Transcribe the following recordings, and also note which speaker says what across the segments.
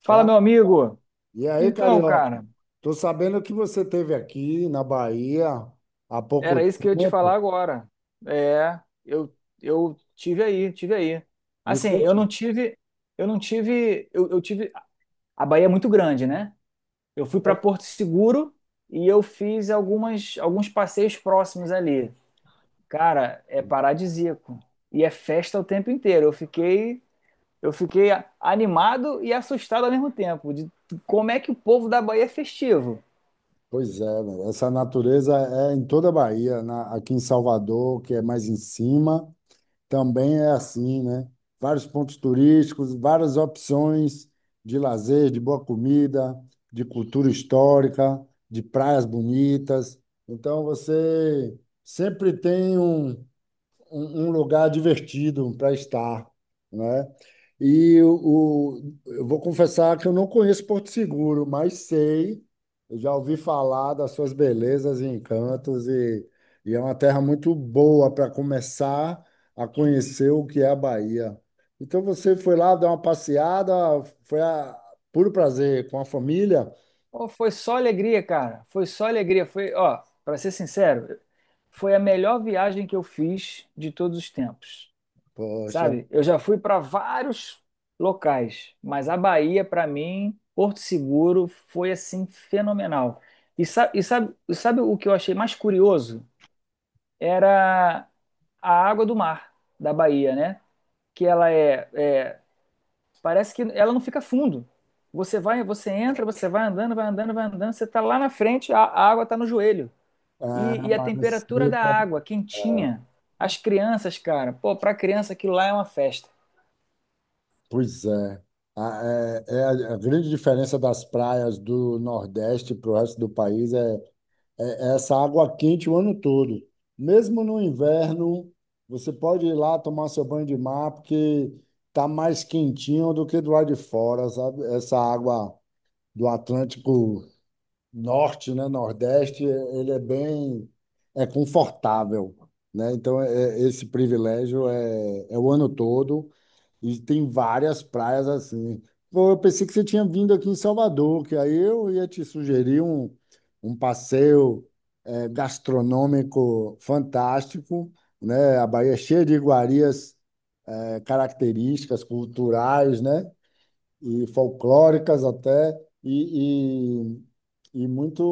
Speaker 1: Fala,
Speaker 2: Fala.
Speaker 1: meu amigo.
Speaker 2: E aí,
Speaker 1: Então,
Speaker 2: Carioca?
Speaker 1: cara,
Speaker 2: Tô sabendo que você esteve aqui na Bahia há pouco
Speaker 1: era isso que eu ia te falar
Speaker 2: tempo.
Speaker 1: agora. É, eu eu tive aí, tive aí.
Speaker 2: Me
Speaker 1: Assim, eu
Speaker 2: conte.
Speaker 1: não tive, eu tive. A Bahia é muito grande, né? Eu fui para Porto Seguro e eu fiz algumas alguns passeios próximos ali. Cara, é paradisíaco e é festa o tempo inteiro. Eu fiquei animado e assustado ao mesmo tempo de como é que o povo da Bahia é festivo.
Speaker 2: Pois é, né? Essa natureza é em toda a Bahia, aqui em Salvador, que é mais em cima, também é assim, né? Vários pontos turísticos, várias opções de lazer, de boa comida, de cultura histórica, de praias bonitas. Então, você sempre tem um lugar divertido para estar, né? E eu vou confessar que eu não conheço Porto Seguro, mas sei, eu já ouvi falar das suas belezas e encantos, e é uma terra muito boa para começar a conhecer o que é a Bahia. Então você foi lá dar uma passeada, foi a puro prazer com a família?
Speaker 1: Pô, foi só alegria, cara. Foi só alegria. Foi, ó, para ser sincero, foi a melhor viagem que eu fiz de todos os tempos.
Speaker 2: Poxa,
Speaker 1: Sabe? Eu já fui para vários locais, mas a Bahia, para mim, Porto Seguro, foi assim fenomenal. E, e sabe o que eu achei mais curioso? Era a água do mar da Bahia, né? Que ela é, é Parece que ela não fica fundo. Você vai, você entra, você vai andando, vai andando, vai andando, você está lá na frente, a água está no joelho.
Speaker 2: ah,
Speaker 1: E a
Speaker 2: mas
Speaker 1: temperatura
Speaker 2: assim.
Speaker 1: da água, quentinha. As crianças, cara, pô, para criança aquilo lá é uma festa.
Speaker 2: Pois é. A, é, é a grande diferença das praias do Nordeste para o resto do país é é essa água quente o ano todo. Mesmo no inverno, você pode ir lá tomar seu banho de mar, porque tá mais quentinho do que do lado de fora, sabe? Essa água do Atlântico Norte, né? Nordeste, ele é bem, é confortável, né? Então, esse privilégio é, é o ano todo. E tem várias praias assim. Pô, eu pensei que você tinha vindo aqui em Salvador, que aí eu ia te sugerir um passeio gastronômico fantástico, né? A Bahia é cheia de iguarias, características culturais, né? E folclóricas até, e, e muito,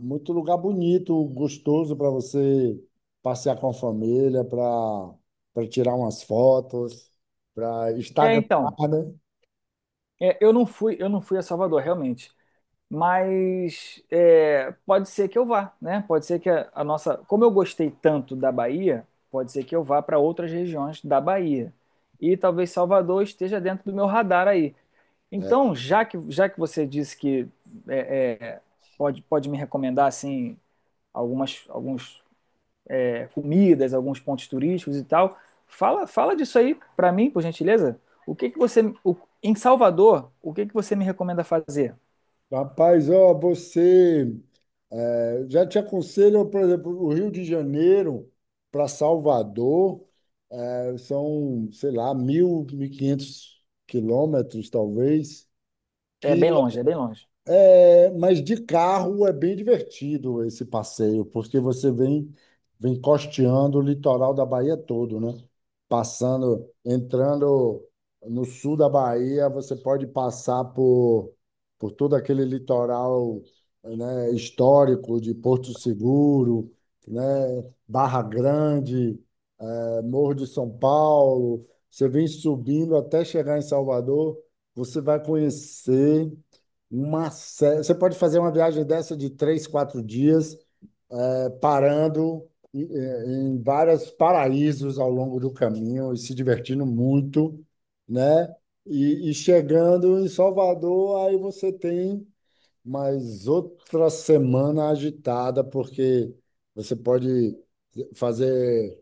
Speaker 2: muito lugar bonito, gostoso para você passear com a família, para tirar umas fotos, para
Speaker 1: É,
Speaker 2: Instagramar,
Speaker 1: então,
Speaker 2: né?
Speaker 1: é, eu não fui a Salvador, realmente. Mas é, pode ser que eu vá, né? Pode ser que a nossa. Como eu gostei tanto da Bahia, pode ser que eu vá para outras regiões da Bahia. E talvez Salvador esteja dentro do meu radar aí.
Speaker 2: É.
Speaker 1: Então, já que você disse que é, é, pode, pode me recomendar assim algumas alguns, é, comidas, alguns pontos turísticos e tal, fala, fala disso aí para mim, por gentileza. O que que você o- Em Salvador, o que que você me recomenda fazer?
Speaker 2: Rapaz, ó, você já te aconselho, por exemplo, o Rio de Janeiro para Salvador são, sei lá, 1.000, 1.500 quilômetros, talvez,
Speaker 1: É
Speaker 2: que
Speaker 1: bem longe, é bem longe.
Speaker 2: é, mas de carro é bem divertido esse passeio, porque você vem, vem costeando o litoral da Bahia todo, né? Passando, entrando no sul da Bahia, você pode passar por todo aquele litoral, né, histórico de Porto Seguro, né, Barra Grande, Morro de São Paulo, você vem subindo até chegar em Salvador, você vai conhecer uma série. Você pode fazer uma viagem dessa de três, quatro dias, parando em vários paraísos ao longo do caminho e se divertindo muito, né? E chegando em Salvador, aí você tem mais outra semana agitada, porque você pode fazer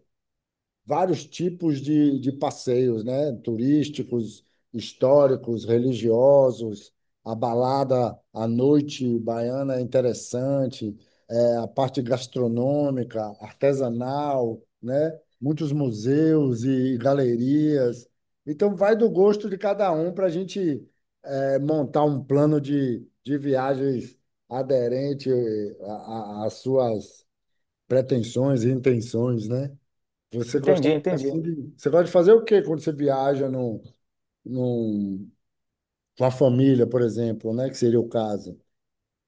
Speaker 2: vários tipos de passeios, né? Turísticos, históricos, religiosos, a balada à noite baiana é interessante, é, a parte gastronômica, artesanal, né? Muitos museus e galerias. Então, vai do gosto de cada um para a gente montar um plano de viagens aderente às suas pretensões e intenções, né? Você gosta
Speaker 1: Entendi, entendi.
Speaker 2: assim de, você gosta de fazer o quê quando você viaja num, com a família, por exemplo, né? Que seria o caso.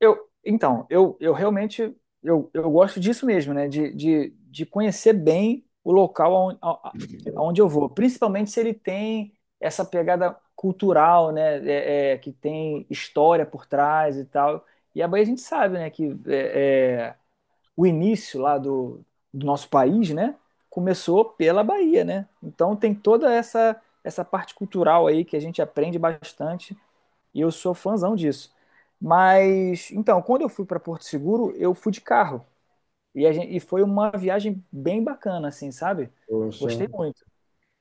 Speaker 1: Então, eu gosto disso mesmo, né? De conhecer bem o local aonde, aonde eu vou, principalmente se ele tem essa pegada cultural, né? É, é, que tem história por trás e tal. E a Bahia a gente sabe, né? Que é, é, o início lá do, do nosso país, né? Começou pela Bahia, né? Então tem toda essa parte cultural aí que a gente aprende bastante e eu sou fãzão disso. Mas, então, quando eu fui para Porto Seguro, eu fui de carro. E, a gente, e foi uma viagem bem bacana, assim, sabe?
Speaker 2: Poxa,
Speaker 1: Gostei muito.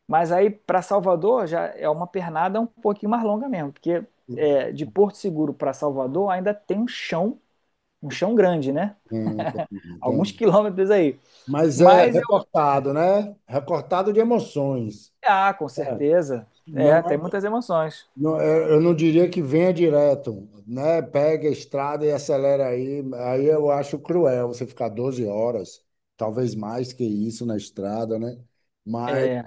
Speaker 1: Mas aí, para Salvador, já é uma pernada um pouquinho mais longa mesmo. Porque é, de Porto Seguro para Salvador ainda tem um chão grande, né?
Speaker 2: então,
Speaker 1: Alguns
Speaker 2: então.
Speaker 1: quilômetros aí.
Speaker 2: Mas é
Speaker 1: Mas eu,
Speaker 2: recortado, né? Recortado de emoções.
Speaker 1: ah, com
Speaker 2: É,
Speaker 1: certeza. É,
Speaker 2: não é,
Speaker 1: tem muitas emoções.
Speaker 2: eu não diria que venha direto, né? Pega a estrada e acelera aí. Aí eu acho cruel você ficar 12 horas, talvez mais que isso na estrada, né?
Speaker 1: É,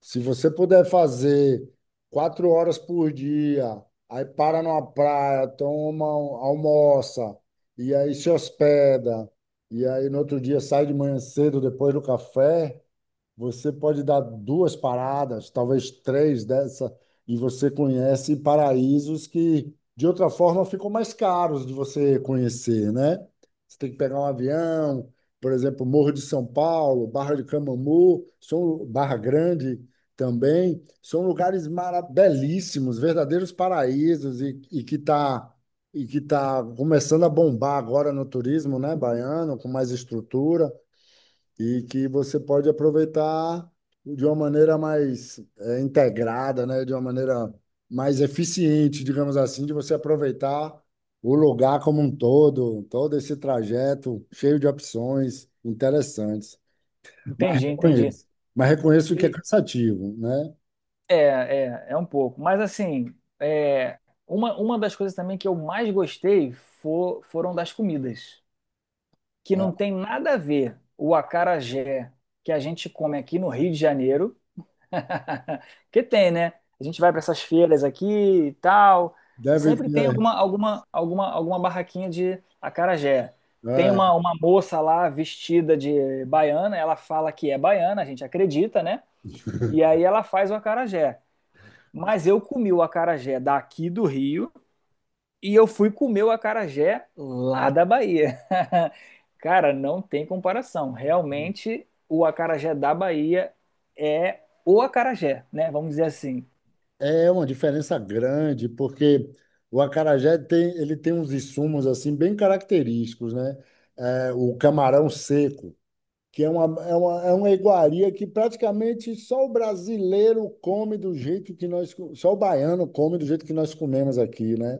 Speaker 2: Se você puder fazer 4 horas por dia, aí para numa praia, almoça, e aí se hospeda, e aí no outro dia sai de manhã cedo depois do café. Você pode dar duas paradas, talvez três dessa, e você conhece paraísos que, de outra forma, ficam mais caros de você conhecer, né? Você tem que pegar um avião, por exemplo, Morro de São Paulo, Barra de Camamu, são, Barra Grande também, são lugares belíssimos, verdadeiros paraísos, e que está e que tá começando a bombar agora no turismo, né, baiano, com mais estrutura e que você pode aproveitar de uma maneira mais integrada, né? De uma maneira mais eficiente, digamos assim, de você aproveitar o lugar como um todo, todo esse trajeto cheio de opções interessantes. Mas
Speaker 1: entendi, entendi.
Speaker 2: reconheço, mas reconheço que é
Speaker 1: E,
Speaker 2: cansativo, né?
Speaker 1: é, é um pouco. Mas assim, é, uma das coisas também que eu mais gostei foram das comidas, que não
Speaker 2: É,
Speaker 1: tem nada a ver o acarajé que a gente come aqui no Rio de Janeiro, que tem, né? A gente vai para essas feiras aqui e tal,
Speaker 2: deve
Speaker 1: sempre tem
Speaker 2: ter,
Speaker 1: alguma, alguma barraquinha de acarajé. Tem
Speaker 2: é.
Speaker 1: uma moça lá vestida de baiana, ela fala que é baiana, a gente acredita, né? E aí ela faz o acarajé. Mas eu comi o acarajé daqui do Rio e eu fui comer o acarajé lá da Bahia. Cara, não tem comparação. Realmente, o acarajé da Bahia é o acarajé, né? Vamos dizer assim.
Speaker 2: É uma diferença grande, porque o acarajé tem, ele tem uns insumos assim bem característicos, né? É, o camarão seco, que é uma, é uma, é uma iguaria que praticamente só o brasileiro come do jeito que só o baiano come do jeito que nós comemos aqui, né?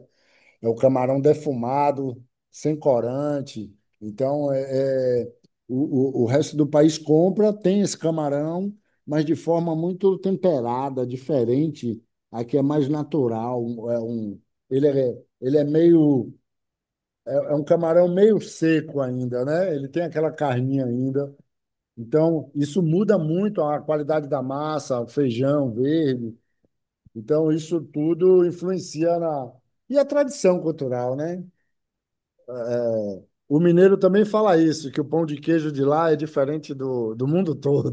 Speaker 2: É o camarão defumado, sem corante. Então, é, é, o resto do país compra, tem esse camarão, mas de forma muito temperada, diferente. Aqui é mais natural. É um, ele é meio, é, é um camarão meio seco ainda, né? Ele tem aquela carninha ainda. Então, isso muda muito a qualidade da massa, o feijão verde. Então, isso tudo influencia na. E a tradição cultural, né? O mineiro também fala isso, que o pão de queijo de lá é diferente do mundo todo,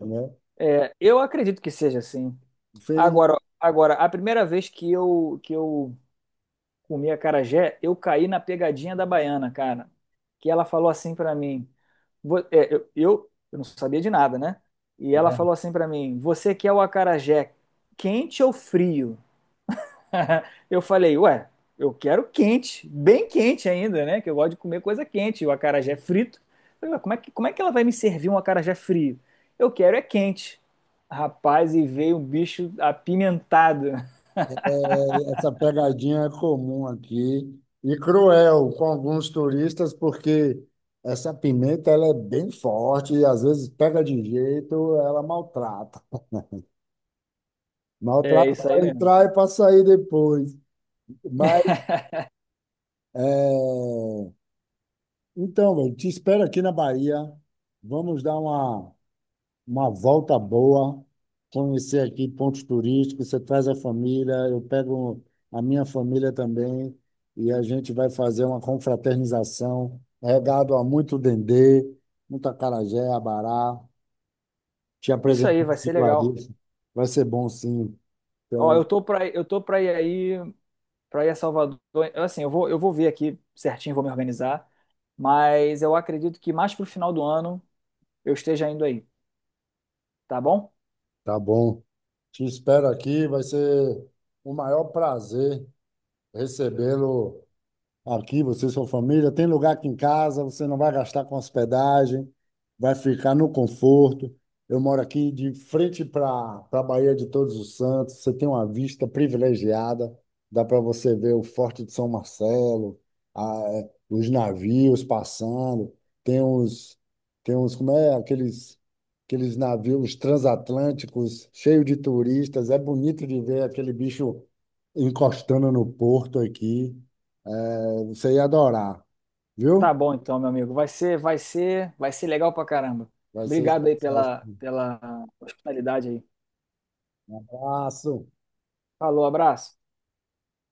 Speaker 2: né?
Speaker 1: É, eu acredito que seja assim.
Speaker 2: Enfim,
Speaker 1: Agora, a primeira vez que eu comi acarajé, eu caí na pegadinha da baiana, cara. Que ela falou assim pra mim, é, eu não sabia de nada, né? E ela
Speaker 2: é,
Speaker 1: falou assim pra mim, você quer o acarajé quente ou frio? Eu falei, ué, eu quero quente, bem quente ainda, né? Que eu gosto de comer coisa quente, o acarajé frito. Eu falei, ué, como é que ela vai me servir um acarajé frio? Eu quero é quente. Rapaz, e veio um bicho apimentado.
Speaker 2: essa pegadinha é comum aqui e cruel com alguns turistas, porque essa pimenta ela é bem forte e às vezes pega de jeito, ela maltrata.
Speaker 1: É
Speaker 2: Maltrata
Speaker 1: isso aí
Speaker 2: para
Speaker 1: mesmo.
Speaker 2: entrar e para sair depois. Mas, é, então, velho, te espero aqui na Bahia. Vamos dar uma volta boa, conhecer aqui pontos turísticos, você traz a família, eu pego a minha família também e a gente vai fazer uma confraternização, regado a muito dendê, muito acarajé, abará, te
Speaker 1: Isso aí,
Speaker 2: apresentar
Speaker 1: vai
Speaker 2: esse
Speaker 1: ser legal.
Speaker 2: iguarias. Vai ser bom, sim.
Speaker 1: Ó,
Speaker 2: Tem.
Speaker 1: eu tô pra ir aí, pra ir a Salvador. Assim, eu vou ver aqui certinho, vou me organizar. Mas eu acredito que mais pro final do ano eu esteja indo aí, tá bom?
Speaker 2: Tá bom. Te espero aqui, vai ser o maior prazer recebê-lo. Aqui, você e sua família, tem lugar aqui em casa, você não vai gastar com hospedagem, vai ficar no conforto. Eu moro aqui de frente para a Baía de Todos os Santos, você tem uma vista privilegiada, dá para você ver o Forte de São Marcelo, os navios passando, tem uns, tem uns, como é, aqueles, aqueles navios transatlânticos cheios de turistas, é bonito de ver aquele bicho encostando no porto aqui. Você ia adorar,
Speaker 1: Tá
Speaker 2: viu?
Speaker 1: bom então, meu amigo. Vai ser legal pra caramba.
Speaker 2: Vai ser
Speaker 1: Obrigado aí
Speaker 2: especial esse
Speaker 1: pela, pela hospitalidade aí.
Speaker 2: abraço.
Speaker 1: Falou, abraço.